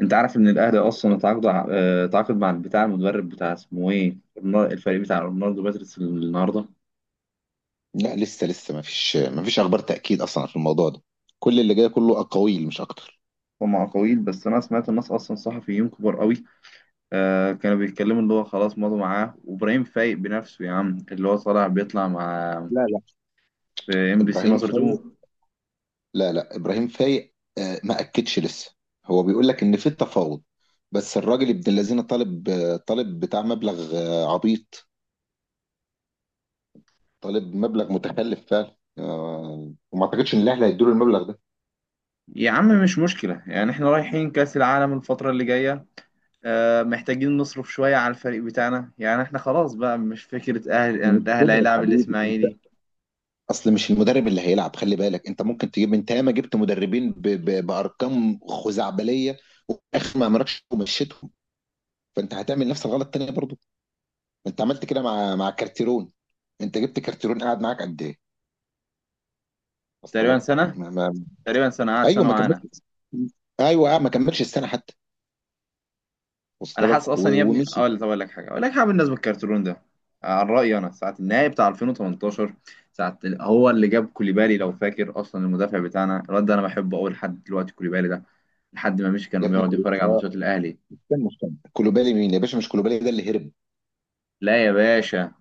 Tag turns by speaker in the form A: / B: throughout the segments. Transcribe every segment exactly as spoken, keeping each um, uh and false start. A: انت عارف ان الاهلي اصلا اتعاقد اه، اتعاقد مع بتاع المدرب بتاع اسمه ايه، رونال- الفريق بتاع رونالدو باتريس النهارده.
B: لا، لسه لسه ما فيش ما فيش اخبار تاكيد اصلا في الموضوع ده. كل اللي جاي كله اقاويل مش اكتر.
A: هم اقاويل، بس انا سمعت الناس اصلا صحفيين كبار قوي. آه كانوا بيتكلموا اللي هو خلاص مضوا معاه، وابراهيم فايق بنفسه يا عم اللي هو طالع بيطلع مع
B: لا، لا،
A: في ام بي سي
B: ابراهيم
A: مصر
B: فايق.
A: اتنين.
B: لا، لا، ابراهيم فايق، آه، ما اكدش لسه. هو بيقول لك ان في تفاوض. بس الراجل ابن الذين طالب آه، طالب بتاع مبلغ آه، عبيط. طالب مبلغ متخلف فعلا، آه، وما اعتقدش ان الاهلي هيدوا له المبلغ ده.
A: يا عم مش مشكله، يعني احنا رايحين كاس العالم الفتره اللي جايه، آه محتاجين نصرف شويه على الفريق بتاعنا. يعني احنا خلاص بقى مش فكره، اهل يعني
B: مش كده
A: الاهلي
B: يا
A: هيلاعب
B: حبيبي انت.
A: الاسماعيلي.
B: اصل مش المدرب اللي هيلعب، خلي بالك انت ممكن تجيب، انت ياما جبت مدربين ب... ب... بارقام خزعبليه. واخر ما عملكش ومشيتهم. فانت هتعمل نفس الغلط تاني برضو. ما انت عملت كده مع مع كارتيرون. انت جبت كارتيرون قاعد معاك قد ايه؟ وصل
A: تقريبا
B: لك
A: سنه
B: ما... ما...
A: تقريبا سنه قعد
B: ايوه،
A: سنه
B: ما
A: معانا.
B: كملش. ايوه، آه، ما كملش السنه حتى.
A: انا
B: وصل
A: حاسس
B: لك و...
A: اصلا يا ابني،
B: ومشي.
A: اقول طب، اقول لك حاجه اقول لك حاجه بالنسبه للكارترون ده. عن رايي انا ساعه النهائي بتاع ألفين وتمنتاشر، ساعه ال- هو اللي جاب كوليبالي لو فاكر اصلا. المدافع بتاعنا الواد ده انا بحبه قوي لحد دلوقتي، كوليبالي ده لحد ما مشي
B: يا
A: كان
B: ابن
A: بيقعد
B: كولو.
A: يتفرج على
B: اه.
A: ماتشات الاهلي.
B: كان مهتم. كولوبالي مين يا باشا؟ مش كولوبالي ده اللي هرب؟
A: لا يا باشا،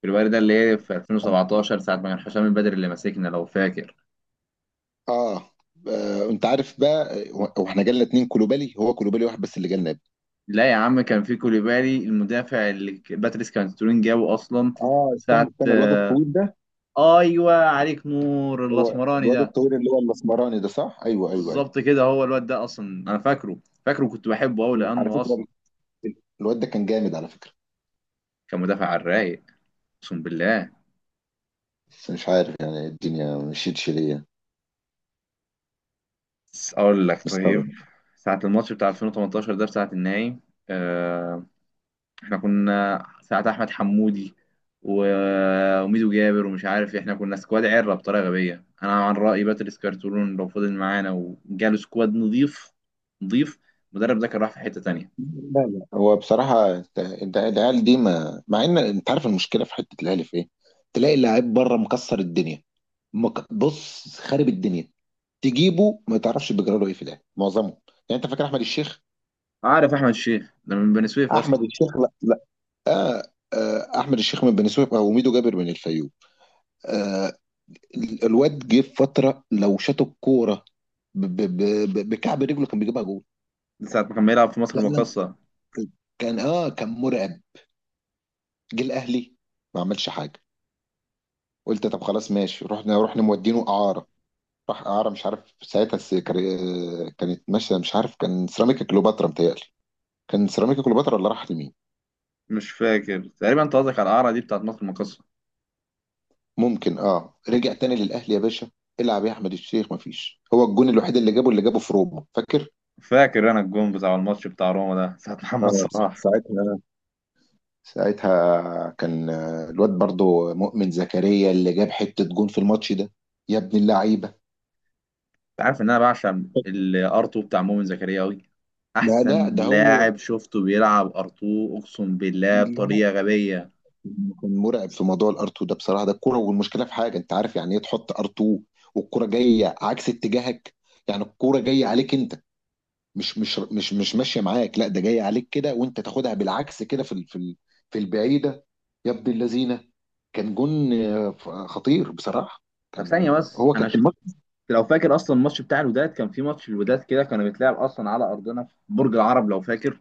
A: كوليبالي ده اللي هي في ألفين وسبعتاشر ساعه ما كان حسام البدري اللي ماسكنا لو فاكر.
B: اه. آه، انت عارف بقى، آه، واحنا جالنا اتنين كولوبالي، هو كولوبالي واحد بس اللي جالنا يا ابني.
A: لا يا عم، كان في كوليبالي المدافع اللي ك- باتريس كارترون جابه اصلا.
B: اه، استنى
A: ساعه
B: استنى الواد
A: آه،
B: الطويل ده.
A: ايوه عليك نور،
B: هو
A: الاسمراني
B: الواد
A: ده،
B: الطويل اللي هو الاسمراني ده، صح؟ ايوه، ايوه، ايوه.
A: بالظبط كده هو الواد ده اصلا. انا فاكره فاكره كنت بحبه قوي
B: على
A: لانه اصلا
B: فكره، الواد ده كان جامد على فكره.
A: كان مدافع على الرايق، اقسم بالله.
B: بس مش عارف يعني الدنيا مشيتش ليا.
A: بس اقول لك،
B: مستغرب.
A: طيب، ساعة الماتش بتاع ألفين وتمنتاشر ده بتاعة النهائي. آه احنا كنا ساعة احمد حمودي و- وميدو جابر ومش عارف إيه، احنا كنا سكواد عرة بطريقة غبية. انا عن رأيي باتريس كارتولون لو فضل معانا وجاله سكواد نظيف، نظيف، المدرب ده كان راح في حتة تانية.
B: لا، لا، هو بصراحة انت- انت- العيال دي، ما مع ان انت عارف المشكلة في حتة الاهلي في ايه. تلاقي اللعيب بره مكسر الدنيا. مك... بص، خارب الدنيا. تجيبه ما تعرفش بيجرى له ايه في الاهلي، معظمه. يعني انت فاكر احمد الشيخ؟
A: عارف احمد الشيخ ده من بني سويف
B: احمد
A: اصلا
B: الشيخ؟ لا، لا. آه، آه، احمد الشيخ من بني سويف، او ميدو جابر من الفيوم. آه. ال- الواد جه في فترة لو شاط الكورة ب- ب- ب- بكعب رجله كان بيجيبها جول.
A: ساعة ما كان بيلعب في مصر
B: لا.
A: المقاصة.
B: كان اه كان مرعب. جه الاهلي. ما عملش حاجه. قلت طب خلاص ماشي، رحنا رحنا مودينه اعاره. راح اعاره، مش عارف ساعتها الس- كان- كانت ماشيه، مش عارف كان سيراميكا كليوباترا متهيألي. كان سيراميكا كليوباترا ولا راح لمين؟
A: مش فاكر، تقريبا انت قصدك على القرعه دي بتاعت مصر المقاصه.
B: ممكن. اه، رجع تاني للاهلي يا باشا. العب يا احمد الشيخ، مفيش. هو الجون الوحيد اللي جابه اللي جابه في روما، فاكر؟
A: فاكر انا الجون بتاع الماتش بتاع روما ده ساعه محمد
B: اه.
A: صلاح.
B: ساعتها ساعتها كان آه، الواد برضو مؤمن زكريا اللي جاب حته جون في الماتش ده. يا ابن اللعيبه.
A: انت عارف ان انا بعشق الارتو بتاع مؤمن زكريا قوي.
B: لا، لا،
A: احسن
B: ده هو.
A: لاعب شفته بيلعب ارتو، اقسم بالله، بطريقه غبيه.
B: كان مرعب في موضوع الار اتنين ده بصراحه، ده الكوره. والمشكله في حاجه، انت عارف يعني ايه تحط ار اتنين؟ والكوره جايه عكس اتجاهك. يعني الكوره جايه عليك انت. مش مش مش مش ماشيه معاك، لا ده جايه عليك كده وانت تاخدها بالعكس كده في ال- في ال- في البعيده. يا ابن اللذينه. كان جون آه، خطير بصراحه.
A: طب
B: كان
A: ثانيه بس،
B: هو
A: انا
B: كان
A: شفت،
B: الماتش.
A: لو فاكر اصلا الماتش بتاع الوداد، كان في ماتش الوداد كده كانوا بيتلعب اصلا على ارضنا في برج العرب لو فاكر.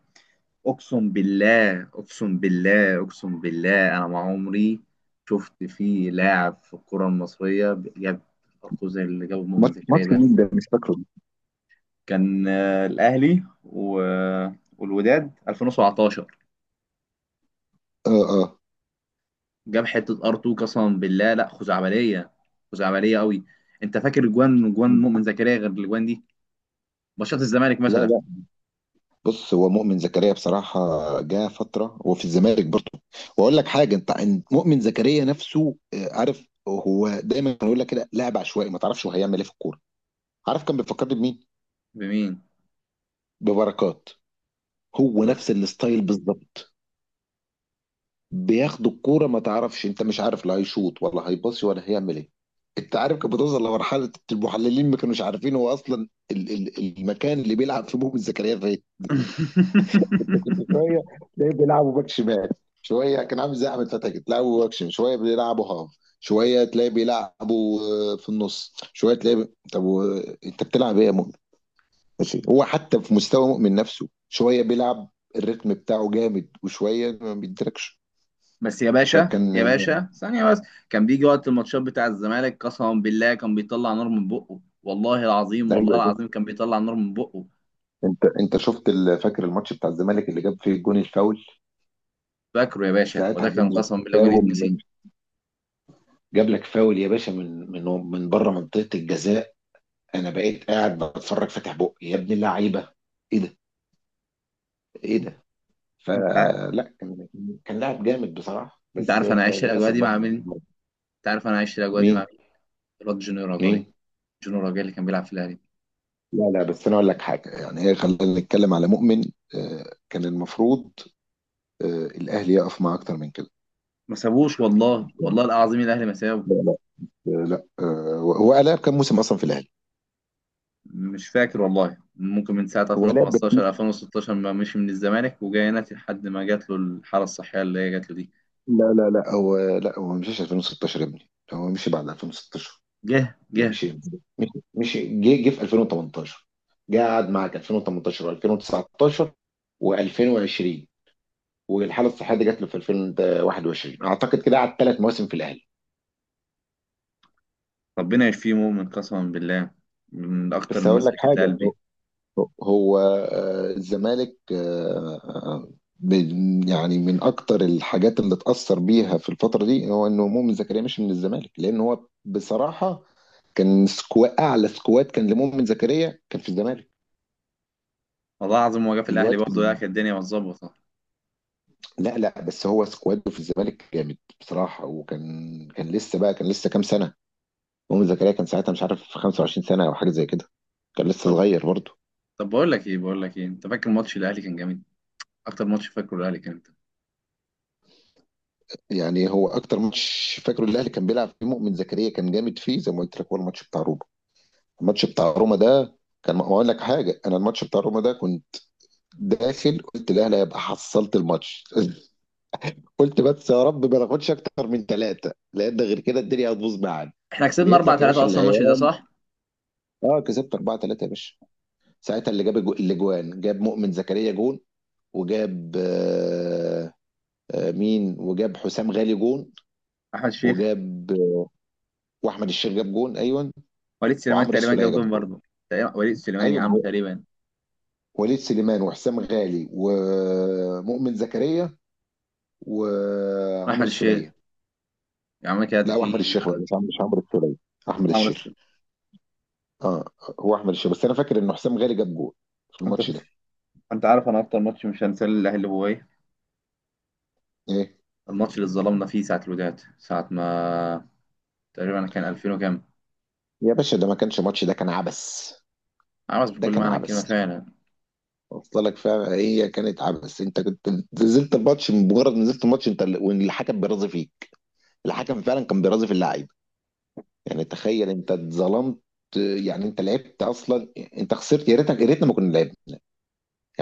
A: اقسم بالله، اقسم بالله، اقسم بالله، انا ما عمري شفت فيه لاعب في الكرة المصرية جاب ارقام زي اللي جابه مؤمن
B: ماتش
A: زكريا
B: ماتش
A: ده.
B: مين ده؟ مش فاكره.
A: كان آه، الاهلي و... والوداد ألفين وسبعة عشر.
B: اه، اه.
A: جاب حتة ار2 قسما بالله، لا خزعبلية، خزعبلية قوي. انت فاكر جوان، جوان مؤمن زكريا غير الجوان دي، ماتشات الزمالك
B: لا،
A: مثلا؟
B: لا، بص هو مؤمن زكريا بصراحة. جه فترة هو في الزمالك برضه. وأقول لك حاجة، أنت أنت مؤمن زكريا نفسه، آه، عارف هو دايما يقول لك كده لاعب عشوائي، ما تعرفش هو هيعمل إيه في الكورة. عارف كان بيفكرني بمين؟
A: بمين.
B: ببركات. هو نفس الستايل بالظبط. بياخد الكورة ما تعرفش، أنت مش عارف لا هيشوط ولا هيباصي ولا هيعمل إيه. أنت عارف كانت بتوصل لمرحلة المحللين ما كانوش عارفين هو أصلا ال- ال- المكان اللي بيلعب فيه مؤمن زكريا فين. شويه تلاقيه بيلعبوا باك شمال. شويه كان عامل زي احمد فتحي كده، تلعبوا باك شمال، شويه بيلعبوا هاف. شويه تلاقيه بيلعبوا آه، في النص، شويه تلاقيه ب... طب و... انت بتلعب ايه يا مؤمن؟ ماشي، هو حتى في مستوى مؤمن نفسه شويه بيلعب. الريتم بتاعه جامد وشويه ما بيدركش.
A: بس يا باشا،
B: فكان.
A: يا باشا، ثانية بس. كان بيجي وقت الماتشات بتاع الزمالك، قسما بالله كان بيطلع نار من بقه، والله العظيم، والله
B: ايوه يا شيخ.
A: العظيم كان بيطلع نار من بقه.
B: انت انت شفت، ال- فاكر الماتش بتاع الزمالك اللي جاب فيه الجون الفاول؟
A: فاكره يا باشا،
B: ساعتها
A: وده
B: جاب
A: كان
B: لك
A: قسما بالله جون
B: فاول من.
A: يتنسي.
B: جاب لك فاول يا باشا من من من بره منطقه الجزاء. انا بقيت قاعد بتفرج فاتح بقي، يا ابن اللعيبه. ايه ده؟ ايه ده؟
A: انت ع-
B: فلا كان كان لاعب جامد بصراحه،
A: انت
B: بس
A: عارف
B: آه،
A: انا عايش الاجواء
B: للاسف
A: دي
B: بقى.
A: مع مين؟ انت عارف انا عايش الاجواء دي مع
B: مين؟
A: مين؟ الواد جونيور راجاي.
B: مين؟
A: جونيور راجاي اللي كان بيلعب في الاهلي.
B: لا، لا، بس انا اقول لك حاجه، يعني هي خلينا نتكلم على مؤمن. آه، كان المفروض آه، الاهلي يقف معاه اكتر من كده.
A: ما سابوش والله، والله العظيم الاهلي ما سابه.
B: لا، لا، آه، لا، آه، هو لعب كام موسم اصلا في الاهلي؟
A: مش فاكر والله، ممكن من ساعة
B: هو لعب بت-
A: ألفين وخمستاشر ألفين وستاشر ما مشي من الزمالك وجاي هنا لحد ما جات له الحالة الصحية اللي هي جات له دي.
B: لا، لا، لا، هو لا هو ما مشيش الفين وستاشر يا ابني، هو مشي بعد الفين وستاشر.
A: جه
B: ده
A: جه.
B: مشي. مشي مشي جه جه في الفين وتمنتاشر. جه قعد معاك الفين وتمنتاشر و2019 و2020، والحاله الصحيه دي جات له في الفين وواحد وعشرين، اعتقد كده قعد ثلاث مواسم في الاهلي.
A: ربنا يشفيه مؤمن، قسما بالله من اكتر
B: بس هقول
A: الناس
B: لك
A: اللي كانت
B: حاجه، هو
A: لقلبي.
B: هو، آه، الزمالك آه، آه، من- يعني من اكتر الحاجات اللي اتاثر بيها في الفتره دي هو ان مؤمن زكريا مشي من الزمالك، لان هو بصراحه كان سكوا اعلى سكواد كان لمؤمن زكريا كان في الزمالك.
A: والله العظيم هو جه في الاهلي
B: الواد.
A: برضه لا كانت الدنيا متظبطه.
B: لا، لا، بس هو سكواده في الزمالك جامد بصراحة، وكان كان لسه بقى كان لسه كام سنة. مؤمن زكريا كان ساعتها مش عارف خمسة وعشرين سنة أو حاجة زي كده. كان لسه
A: طب،
B: صغير برضه.
A: طب بقول لك ايه، بقول لك ايه انت فاكر ماتش الاهلي كان جامد؟ اكتر ماتش فاكره الاهلي كان امتى؟
B: يعني هو أكتر ماتش فاكره الأهلي كان بيلعب فيه مؤمن زكريا كان جامد فيه، زي ما قلت لك، هو الماتش بتاع روما. الماتش بتاع روما ده كان، ما أقول لك حاجة أنا، الماتش بتاع روما ده كنت داخل، قلت الأهلي هيبقى حصلت الماتش قلت بس يا رب ما ناخدش أكتر من ثلاثة، لأن غير كده الدنيا هتبوظ معانا.
A: احنا كسبنا
B: لقيت
A: 4
B: لك يا
A: 3
B: باشا
A: اصلا الماتش ده،
B: العيال.
A: صح؟
B: اه، كسبت اربعة تلاتة يا باشا. ساعتها اللي جاب الجو- الاجوان، جاب مؤمن زكريا جون. وجاب آه، آه، مين، وجاب حسام غالي جون.
A: احمد الشيخ.
B: وجاب آه، واحمد الشيخ جاب جون. ايوه،
A: وليد سليمان
B: وعمرو
A: تقريبا
B: السوليه
A: جاب
B: جاب
A: جون
B: جون.
A: برضه. تقريباً- وليد سليمان
B: ايوه،
A: يا
B: ما
A: عم
B: هو
A: تقريبا.
B: وليد سليمان وحسام غالي ومؤمن زكريا وعمرو
A: احمد الشيخ.
B: السوليه.
A: يا عم كده
B: لا، واحمد
A: في
B: الشيخ بقى، مش عمرو مش عمرو السوليه. احمد
A: عمرو
B: الشيخ.
A: السولية.
B: اه. هو احمد الشيخ، بس انا فاكر ان حسام غالي جاب جون في
A: انت
B: الماتش
A: فف.
B: ده.
A: انت عارف انا اكتر ماتش مش هنساه الاهلي هو ايه؟
B: ايه
A: الماتش اللي اتظلمنا فيه ساعه الوداد، ساعه ما تقريبا كان ألفين وكام،
B: يا باشا، ده ما كانش ماتش، ده كان عبث.
A: عاوز
B: ده
A: بكل
B: كان
A: معنى الكلمه
B: عبث.
A: فعلا.
B: وصلك فعلا، هي كانت عبث، انت كنت نزلت الماتش، مجرد نزلت الماتش انت، ال- والحكم بيرازي فيك. الحكم فعلا كان بيرازي في اللعيبه. يعني تخيل انت اتظلمت. يعني انت لعبت اصلا، انت خسرت، يا ريتك يا ريتنا ما كنا لعبنا.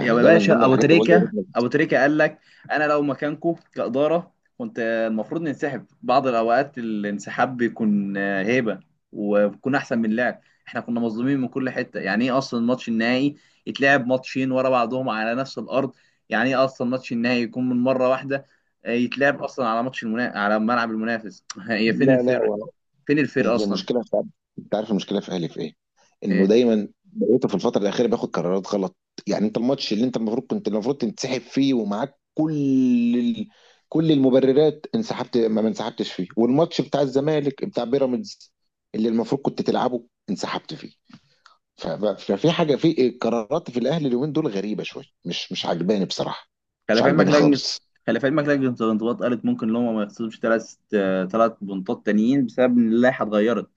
A: يا
B: ده من ضمن
A: باشا، ابو
B: الحاجات اللي بقول يا
A: تريكه
B: ريتنا.
A: ابو تريكه قال لك انا لو مكانكم كاداره كنت المفروض ننسحب. بعض الاوقات الانسحاب بيكون آه، هيبه، وبيكون احسن من اللعب. احنا كنا مظلومين من كل حته. يعني ايه اصلا الماتش النهائي يتلعب ماتشين ورا بعضهم على نفس الارض؟ يعني ايه اصلا ماتش النهائي يكون من مره واحده، آه، يتلعب اصلا على ماتش المنا... على ملعب المنافس؟ هي فين
B: لا، لا،
A: الفرق؟ فين الفرق
B: هي
A: اصلا؟
B: المشكله في، انت عارف المشكله في اهلي في ايه؟ انه
A: إيه.
B: دايما بقيته في الفتره الاخيره بياخد قرارات غلط. يعني انت الماتش اللي انت المفروض كنت المفروض تنسحب فيه ومعاك كل ال... كل المبررات، انسحبت، ما ما انسحبتش فيه، والماتش بتاع الزمالك بتاع بيراميدز اللي المفروض كنت تلعبه انسحبت فيه. ف... ف- ففي حاجه، في قرارات في الاهلي اليومين دول غريبه شويه، مش مش عجباني بصراحه.
A: خلي
B: مش
A: في علمك
B: عجباني
A: لجنة
B: خالص.
A: خلي في علمك لجنة الانضباط قالت ممكن ان هم ما يخسروش ثلاث ثلاث بنطات تانيين بسبب ان اللائحة اتغيرت.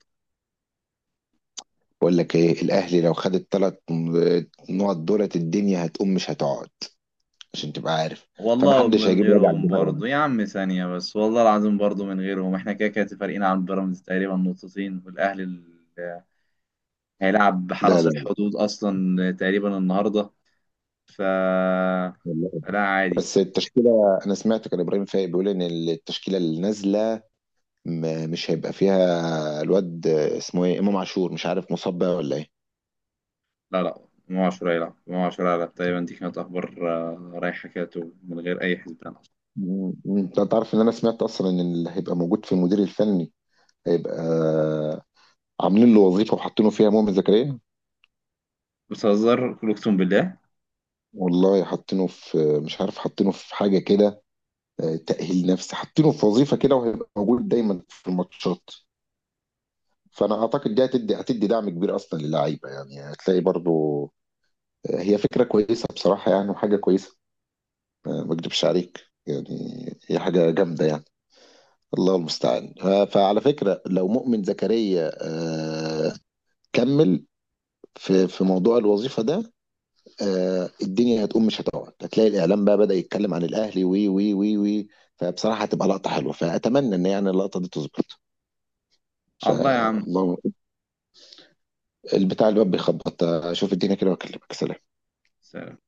B: بقول لك ايه، الاهلي لو خد الثلاث نقط دولت، الدنيا هتقوم مش هتقعد، عشان تبقى عارف.
A: والله
B: فمحدش
A: من
B: هيجيب وجع
A: غيرهم
B: الدماغ ده.
A: برضه يا عم، ثانية بس، والله العظيم برضه من غيرهم، احنا كده كده فارقين عن بيراميدز تقريبا نقطتين، والاهلي ال- هيلعب
B: لا،
A: حرس
B: لا،
A: الحدود اصلا تقريبا النهارده. ف
B: والله.
A: لا عادي.
B: بس التشكيله، انا سمعت كان ابراهيم فايق بيقول ان التشكيله اللي نازله م- مش هيبقى فيها الواد اسمه ايه، امام عاشور، مش عارف مصاب بقى ولا ايه.
A: لا لا، ما عشرة يلعب ما عشرة يلعب تقريبا. دي كانت اخبار آه، رايحة كده من غير اي حسبان اصلا.
B: مم. انت تعرف ان انا سمعت اصلا ان اللي هيبقى موجود في المدير الفني، هيبقى عاملين له وظيفه وحاطينه فيها مؤمن زكريا.
A: بتهزر؟ قول اقسم بالله.
B: والله حاطينه في مش عارف، حاطينه في حاجه كده، آه، تأهيل نفسي، حاطينه في وظيفه كده، وهيبقى موجود دايما في الماتشات. فانا اعتقد دي هتدي هتدي دعم كبير اصلا للعيبه، يعني هتلاقي برضو هي فكره كويسه بصراحه يعني، وحاجه كويسه. آه، ما اكدبش عليك يعني. هي حاجه جامده يعني. الله المستعان. آه، فعلى فكره، لو مؤمن زكريا آه، كمل في في موضوع الوظيفه ده، آه، الدنيا هتقوم مش هتقعد، هتلاقي الاعلام بقى بدأ يتكلم عن الاهلي وي وي وي وي. فبصراحه هتبقى لقطه حلوه، فاتمنى ان يعني اللقطه دي تظبط.
A: الله يا عم.
B: فالله. البتاع الواد بيخبط، اشوف الدنيا كده واكلمك. سلام.
A: سلام.